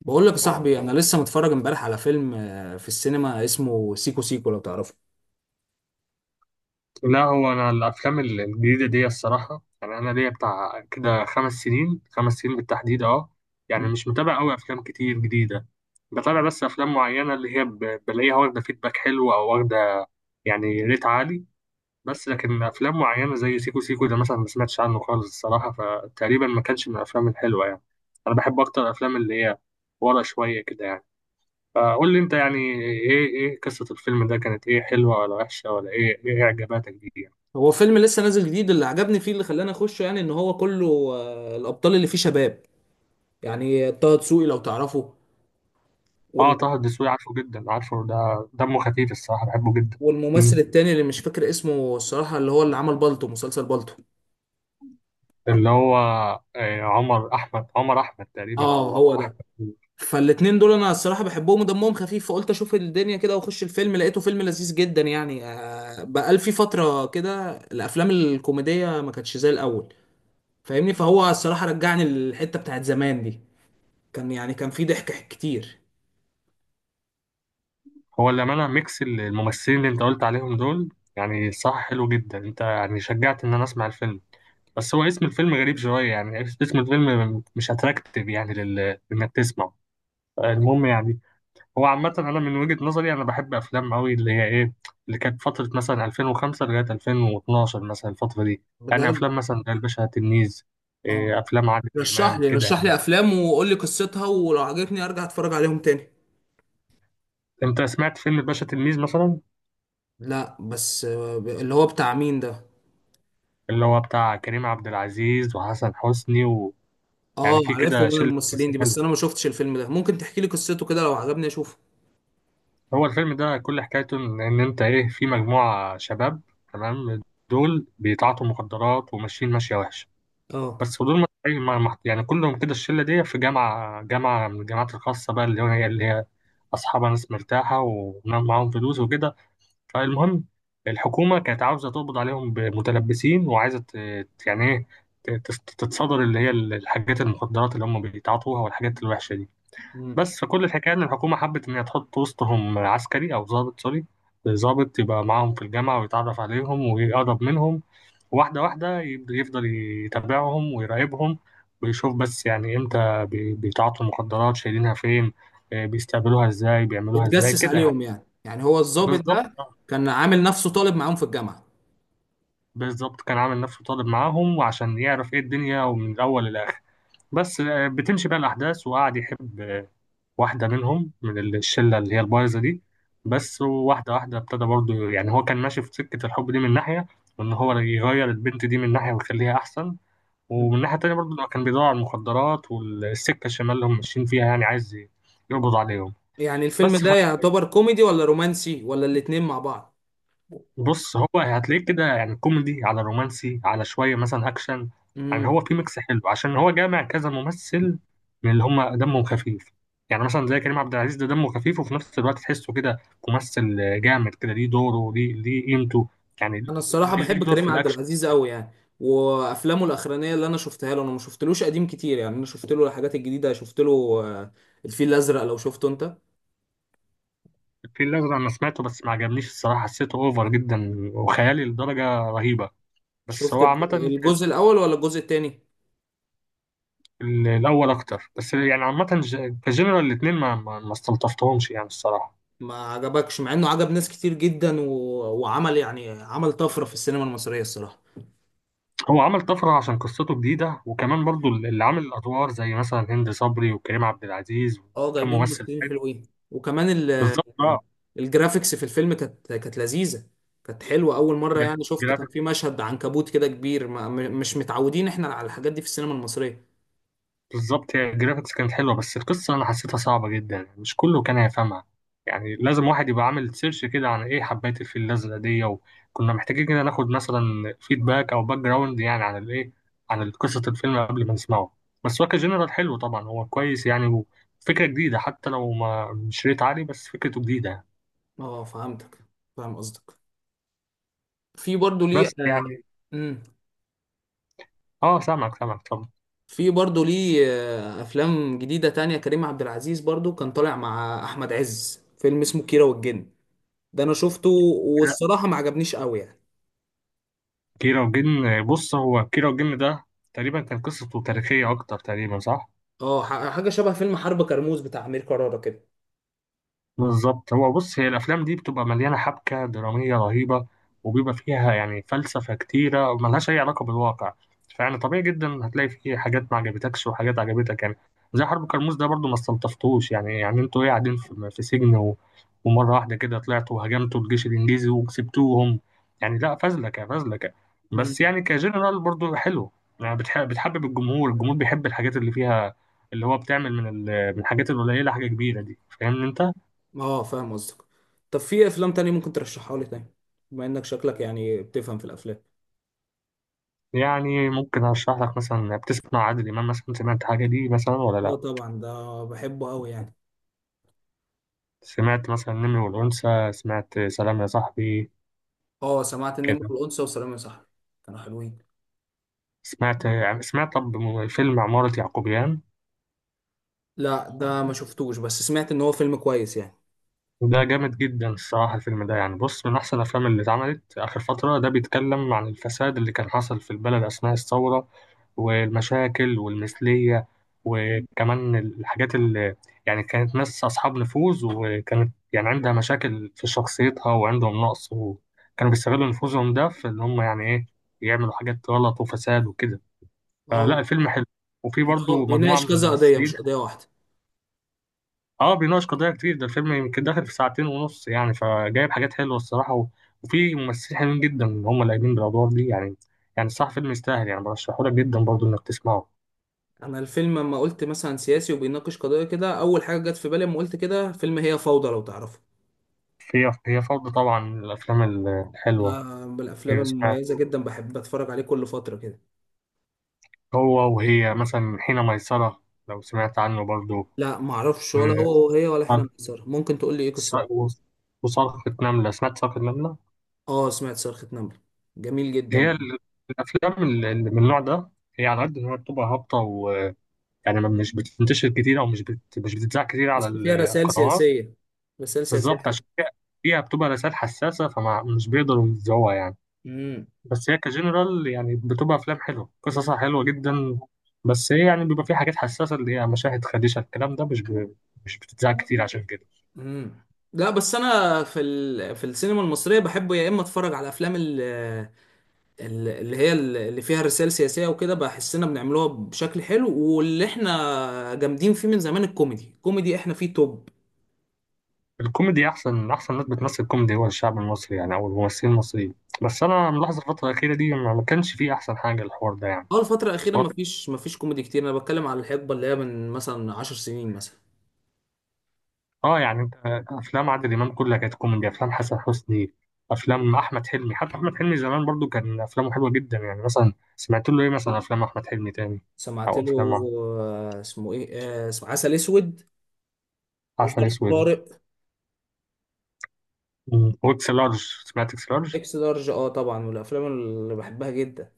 بقول لك يا صاحبي، انا لسه متفرج امبارح على فيلم في السينما اسمه سيكو سيكو، لو تعرفه؟ لا، هو انا الافلام الجديده دي الصراحه، يعني انا ليا بتاع كده خمس سنين، خمس سنين بالتحديد. اه، يعني مم. مش متابع قوي افلام كتير جديده. بتابع بس افلام معينه اللي هي بلاقيها واخده فيدباك حلو او واخده يعني ريت عالي. بس لكن افلام معينه زي سيكو سيكو ده مثلا ما سمعتش عنه خالص الصراحه، فتقريبا ما كانش من الافلام الحلوه يعني. انا بحب اكتر الافلام اللي هي ورا شويه كده يعني. فقول لي انت يعني، ايه قصه الفيلم ده كانت ايه؟ حلوه ولا وحشه؟ ولا ايه اعجاباتك بيه؟ هو فيلم لسه نازل جديد. اللي عجبني فيه اللي خلاني اخشه، يعني ان هو كله الابطال اللي فيه شباب. يعني طه دسوقي لو تعرفه. اه، وال- طه الدسوقي عارفه جدا، عارفه ده، دمه خفيف الصراحه، بحبه جدا. والممثل مم. التاني اللي مش فاكر اسمه الصراحة، اللي هو اللي عمل بالطو، مسلسل بالطو. اللي هو عمر احمد تقريبا، اه، هو هو ده. احمد. فالاتنين دول انا الصراحة بحبهم ودمهم خفيف، فقلت اشوف الدنيا كده واخش الفيلم. لقيته فيلم لذيذ جدا يعني. بقال في فترة كده الافلام الكوميدية ما كانتش زي الاول. فاهمني؟ فهو الصراحة رجعني للحتة بتاعت زمان دي. كان في ضحك كتير. هو اللي عملها ميكس الممثلين اللي انت قلت عليهم دول يعني. صح، حلو جدا، انت يعني شجعت ان انا اسمع الفيلم. بس هو اسم الفيلم غريب شويه، يعني اسم الفيلم مش اتراكتيف، يعني انك تسمعه. المهم يعني، هو عامة أنا من وجهة نظري أنا بحب أفلام أوي اللي هي إيه، اللي كانت فترة مثلا 2005 لغاية 2012 مثلا، الفترة دي. يعني بجد. أفلام مثلا زي الباشا تلميذ، إيه، اه، أفلام عادل رشح إمام لي كده رشح يعني. لي افلام وقول لي قصتها، ولو عجبتني ارجع اتفرج عليهم تاني. أنت سمعت فيلم الباشا تلميذ مثلا؟ لا، بس اللي هو بتاع مين ده؟ اللي هو بتاع كريم عبد العزيز وحسن حسني، ويعني اه، في عارفه كده من شلة الممثلين ممثلين دي، حلو. بس انا ما شفتش الفيلم ده. ممكن تحكي لي قصته كده؟ لو عجبني اشوفه. هو الفيلم ده كل حكايته إن أنت إيه، في مجموعة شباب، تمام، دول بيتعاطوا مخدرات وماشيين ماشية وحشة. اه. بس ودول مدفوعين، يعني كلهم كده، الشله دي في جامعه من الجامعات الخاصه بقى، اللي هي، اصحابها ناس مرتاحه ومعاهم فلوس وكده. فالمهم، الحكومه كانت عاوزه تقبض عليهم بمتلبسين وعايزه يعني ايه، تتصدر اللي هي الحاجات المخدرات اللي هم بيتعاطوها والحاجات الوحشه دي. مم. بس فكل الحكايه ان الحكومه حبت ان هي تحط وسطهم عسكري او ضابط سوري، ضابط يبقى معاهم في الجامعه ويتعرف عليهم ويقرب منهم واحدة واحدة. يبدأ يفضل يتابعهم ويراقبهم ويشوف بس يعني امتى بيتعاطوا المخدرات، شايلينها فين، بيستقبلوها ازاي، بيعملوها ازاي اتجسس كده يعني. عليهم يعني هو الضابط بالظبط، ده؟ كان عامل نفسه طالب معاهم في الجامعة. بالظبط كان عامل نفسه طالب معاهم، وعشان يعرف ايه الدنيا ومن الأول للآخر. بس بتمشي بقى الأحداث، وقعد يحب واحدة منهم من الشلة اللي هي البايظة دي. بس واحدة واحدة ابتدى برضه، يعني هو كان ماشي في سكة الحب دي من ناحية، وإن هو يغير البنت دي من ناحية ويخليها أحسن. مم. ومن الناحية التانية برضه، لما كان بيدور على المخدرات والسكة الشمال اللي هم ماشيين فيها، يعني عايز يقبض عليهم. يعني الفيلم بس ده يعتبر كوميدي ولا رومانسي ولا الاتنين مع بعض؟ بص، هو هتلاقيه كده يعني كوميدي على رومانسي على شوية مثلا أكشن. يعني مم. هو في ميكس حلو عشان هو جامع كذا ممثل من اللي هم دمهم خفيف. يعني مثلا زي كريم عبد العزيز، ده دمه خفيف وفي نفس الوقت تحسه كده ممثل جامد، كده ليه دوره، ليه، ليه قيمته يعني، انا الصراحه ليه بحب دور كريم في عبد الأكشن. العزيز قوي يعني. وافلامه الاخرانيه اللي انا شفتها له، انا ما شفتلوش قديم كتير يعني، انا شفت له الحاجات الجديده. شفت له آه، الفيل الازرق، لو شفته انت؟ في الأزرق أنا سمعته بس ما عجبنيش الصراحة، حسيته أوفر جدا وخيالي لدرجة رهيبة. بس شفت هو الج- عامة الجزء الاول ولا الجزء التاني؟ الأول أكتر. بس يعني عامة كجنرال الاتنين ما استلطفتهمش يعني الصراحة. ما عجبكش، مع انه عجب ناس كتير جدا و... وعمل يعني عمل طفره في السينما المصريه الصراحه. هو عمل طفرة عشان قصته جديدة، وكمان برضو اللي عامل الأدوار زي مثلا هند صبري وكريم عبد العزيز اه، وكم جايبين ممثل ممثلين تاني. حلوين، وكمان بالظبط اه. الجرافيكس في الفيلم كانت لذيذه. كانت حلوه، اول مره يعني شفت. كان جرافيك، في مشهد عنكبوت كده كبير، ما... م- مش متعودين احنا على الحاجات دي في السينما المصريه. بالظبط، هي الجرافيكس كانت حلوة، بس القصة أنا حسيتها صعبة جدا يعني، مش كله كان هيفهمها. يعني لازم واحد يبقى عامل سيرش كده عن إيه حبات الفيل الأزرق دي، وكنا محتاجين كده ناخد مثلا فيدباك أو باك جراوند يعني عن الإيه، عن قصة الفيلم قبل ما نسمعه. بس هو كجنرال حلو طبعا، هو كويس يعني، وفكرة جديدة حتى لو ما مش ريت عالي، بس فكرته جديدة. اه، فهمتك. فاهم قصدك. في برضه ليه. بس يعني مم. آه، سامعك، سامعك طبعا. في برضه ليه افلام جديده تانية. كريم عبد العزيز برضه كان طالع مع احمد عز فيلم اسمه كيرة والجن. ده انا شفته. كيرة، والصراحه ما عجبنيش قوي يعني. كيرة والجن، بص، هو كيرة والجن ده تقريبا كان قصته تاريخية أكتر تقريبا، صح؟ اه، حاجه شبه فيلم حرب كرموز بتاع امير كرارة كده. بالظبط، هو بص، هي الافلام دي بتبقى مليانه حبكه دراميه رهيبه، وبيبقى فيها يعني فلسفه كتيره ملهاش اي علاقه بالواقع. فيعني طبيعي جدا هتلاقي فيه حاجات ما عجبتكش وحاجات عجبتك يعني. زي حرب كرموز ده برضو ما استلطفتوش، يعني يعني انتوا ايه؟ قاعدين في سجن، ومره واحده كده طلعتوا وهجمتوا الجيش الانجليزي وكسبتوهم يعني. لا، فازلكه فازلكه. مم. بس يعني كجنرال برضو حلو، يعني بتحبب الجمهور، الجمهور بيحب الحاجات اللي فيها، اللي هو بتعمل من من الحاجات القليله حاجه كبيره دي، فاهمني انت. اه، فاهم قصدك. طب، في افلام تانية ممكن ترشحها لي تاني؟ بما انك شكلك يعني بتفهم في الافلام. يعني ممكن اشرح لك مثلا، بتسمع عادل امام مثلا؟ سمعت حاجه دي مثلا ولا اه، لا؟ طبعا ده بحبه قوي يعني. سمعت مثلا النمر والانثى؟ سمعت سلام يا صاحبي؟ اه، سمعت النمر كده، والانثى وسلام يا صاحبي. كانوا حلوين. سمعت يعني، سمعت طب فيلم عمارة يعقوبيان؟ لا، ده ما شفتوش، بس سمعت ان هو فيلم كويس يعني. وده جامد جدا الصراحه، الفيلم ده يعني بص، من احسن الافلام اللي اتعملت اخر فتره. ده بيتكلم عن الفساد اللي كان حصل في البلد اثناء الثوره، والمشاكل والمثلية، وكمان الحاجات اللي، يعني كانت ناس أصحاب نفوذ، وكانت يعني عندها مشاكل في شخصيتها وعندهم نقص، وكانوا بيستغلوا نفوذهم ده في إن هم يعني إيه، يعملوا حاجات غلط وفساد وكده. فلا، اه. الفيلم حلو، وفي يعني هو برضه مجموعة بيناقش من كذا قضية، الممثلين. مش قضية واحدة؟ اه بيناقش قضايا كتير، ده الفيلم يمكن داخل في ساعتين ونص يعني، فجايب حاجات حلوة الصراحة، وفي ممثلين حلوين جدا هم اللي قايمين بالأدوار دي يعني. يعني الصراحة فيلم يستاهل يعني، برشحهولك جدا برضه إنك تسمعه. انا الفيلم، لما قلت مثلا سياسي وبيناقش قضية كده، اول حاجة جت في بالي لما قلت كده فيلم هي فوضى، لو تعرفه. هي، هي فرض طبعا من الأفلام ده الحلوة. من الافلام أيوة سمعت. المميزة جدا، بحب اتفرج عليه كل فترة كده. هو وهي مثلا، حين ميسرة لو سمعت عنه برضو. لا، ما اعرفش و- ولا هو وهي ولا حين ميسرة. ممكن تقول لي ايه قصته؟ وص- وصرخة نملة، سمعت صرخة نملة؟ اه، سمعت صرخة نمر. جميل هي جدا. الأفلام اللي من النوع ده، هي على قد إن هي بتبقى هابطة ويعني، مش بتنتشر كتير أو مش بتتذاع كتير على بس فيها رسائل القنوات. سياسية. رسائل سياسية بالظبط عشان حلوة. فيها، فيها بتبقى رسائل حساسة فمش بيقدروا يذاعوها يعني. امم بس هي كجنرال يعني بتبقى افلام حلوه، قصصها حلوه جدا. بس هي يعني بيبقى في حاجات حساسه اللي هي مشاهد خديشه، الكلام ده مش بتتذاع كتير عشان كده. مم. لا، بس انا في السينما المصريه بحب يا اما اتفرج على افلام اللي فيها رسائل سياسيه وكده، بحسنا بنعملوها بشكل حلو. واللي احنا جامدين فيه من زمان الكوميدي. الكوميدي احنا فيه توب. الكوميدي احسن، احسن ناس بتمثل كوميدي هو الشعب المصري يعني، او الممثلين المصريين. بس انا ملاحظ الفتره الاخيره دي ما كانش فيه احسن حاجه الحوار ده يعني. اه، الفتره الاخيره واضح. مفيش كوميدي كتير. انا بتكلم على الحقبه اللي هي من مثلا 10 سنين مثلا. اه يعني انت، افلام عادل امام كلها كانت كوميدي، افلام حسن حسني، افلام احمد حلمي. حتى احمد حلمي زمان برضو كان افلامه حلوه جدا. يعني مثلا سمعت له ايه مثلا؟ افلام احمد حلمي تاني، سمعت او له. افلام اسمه ايه؟ اسمه عسل اسود عسل وظرف اسود طارق. واكس لارج، سمعت اكس لارج؟ اكس لارج. اه، طبعا، والافلام اللي بحبها جدا.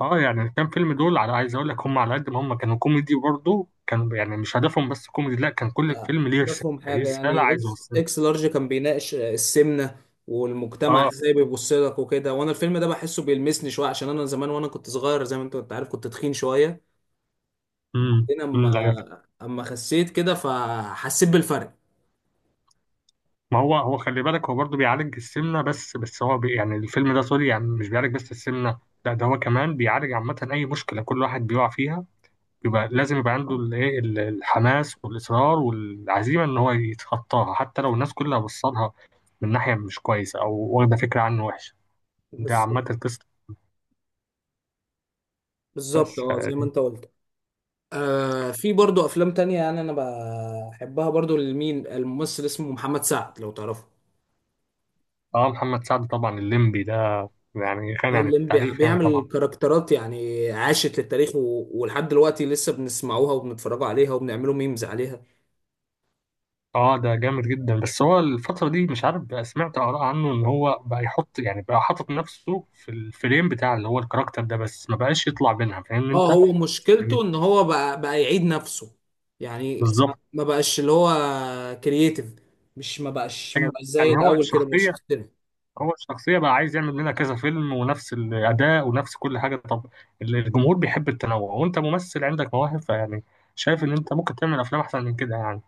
اه، يعني الكام فيلم دول، على، عايز اقول لك هم على قد ما هم كانوا كوميدي، برضه كانوا يعني مش هدفهم بس كوميدي، لا، كان كل لا، فيلم ليه رساله، هدفهم ليه حاجة. رساله يعني عايز اكس اوصلها. اكس لارج كان بيناقش السمنة والمجتمع اه، ازاي بيبص لك وكده. وانا الفيلم ده بحسه بيلمسني شوية، عشان انا زمان وانا كنت صغير، زي ما انت كنت عارف كنت تخين شوية. هنا أمم، لا يا فندم. اما خسيت كده، فحسيت بالفرق. ما هو، هو خلي بالك، هو برضه بيعالج السمنه، بس هو بي يعني الفيلم ده سوري يعني مش بيعالج بس السمنه، لا، ده هو كمان بيعالج عامه اي مشكله كل واحد بيقع فيها. يبقى لازم يبقى عنده الايه الحماس والاصرار والعزيمه ان هو يتخطاها حتى لو الناس كلها بصلها من ناحيه مش كويسه او واخده فكره عنه وحشه. ده عامه بالظبط. القصه. بالظبط، بس اه، زي ما انت قلت. في برضو افلام تانية يعني، انا بحبها برضو. لمين الممثل اسمه محمد سعد، لو تعرفه؟ اه، محمد سعد طبعا، الليمبي ده، يعني اه، غني عن الليمبي التعريف يعني بيعمل طبعا. كاركترات يعني عاشت للتاريخ و... ولحد دلوقتي لسه بنسمعوها وبنتفرجوا عليها وبنعملوا ميمز عليها. اه ده جامد جدا. بس هو الفتره دي مش عارف، بقى سمعت اراء عنه ان هو بقى يحط يعني، بقى حاطط نفسه في الفريم بتاع اللي هو الكاركتر ده، بس ما بقاش يطلع منها، فاهم اه، انت؟ هو مشكلته يعني ان هو بقى يعيد نفسه. يعني ما بالظبط. ما بقاش اللي هو كرييتيف. مش ما بقاش ما ايوه بقاش يعني، زي هو الاول كده، مبقاش الشخصيه، يختلف. هو الشخصية بقى عايز يعمل منها كذا فيلم ونفس الأداء ونفس كل حاجة. طب الجمهور بيحب التنوع، وأنت ممثل عندك مواهب، فيعني شايف إن أنت ممكن تعمل أفلام أحسن من كده يعني.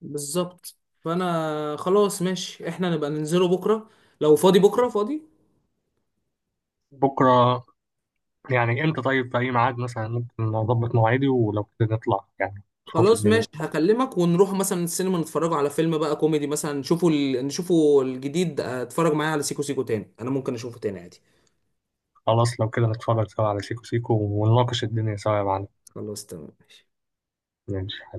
بالظبط. فانا خلاص ماشي، احنا نبقى ننزله بكره. لو فاضي بكره فاضي. بكرة يعني إمتى طيب؟ في أي ميعاد مثلا ممكن أظبط مواعيدي، ولو كده نطلع يعني نشوف خلاص، الدنيا. ماشي، هكلمك ونروح مثلا السينما، نتفرج على فيلم بقى كوميدي مثلا، نشوفه الجديد. اتفرج معايا على سيكو سيكو تاني، انا ممكن اشوفه تاني عادي. خلاص، لو كده نتفرج سوا على سيكو سيكو ونناقش الدنيا سوا يا معلم. خلاص، تمام، ماشي. ماشي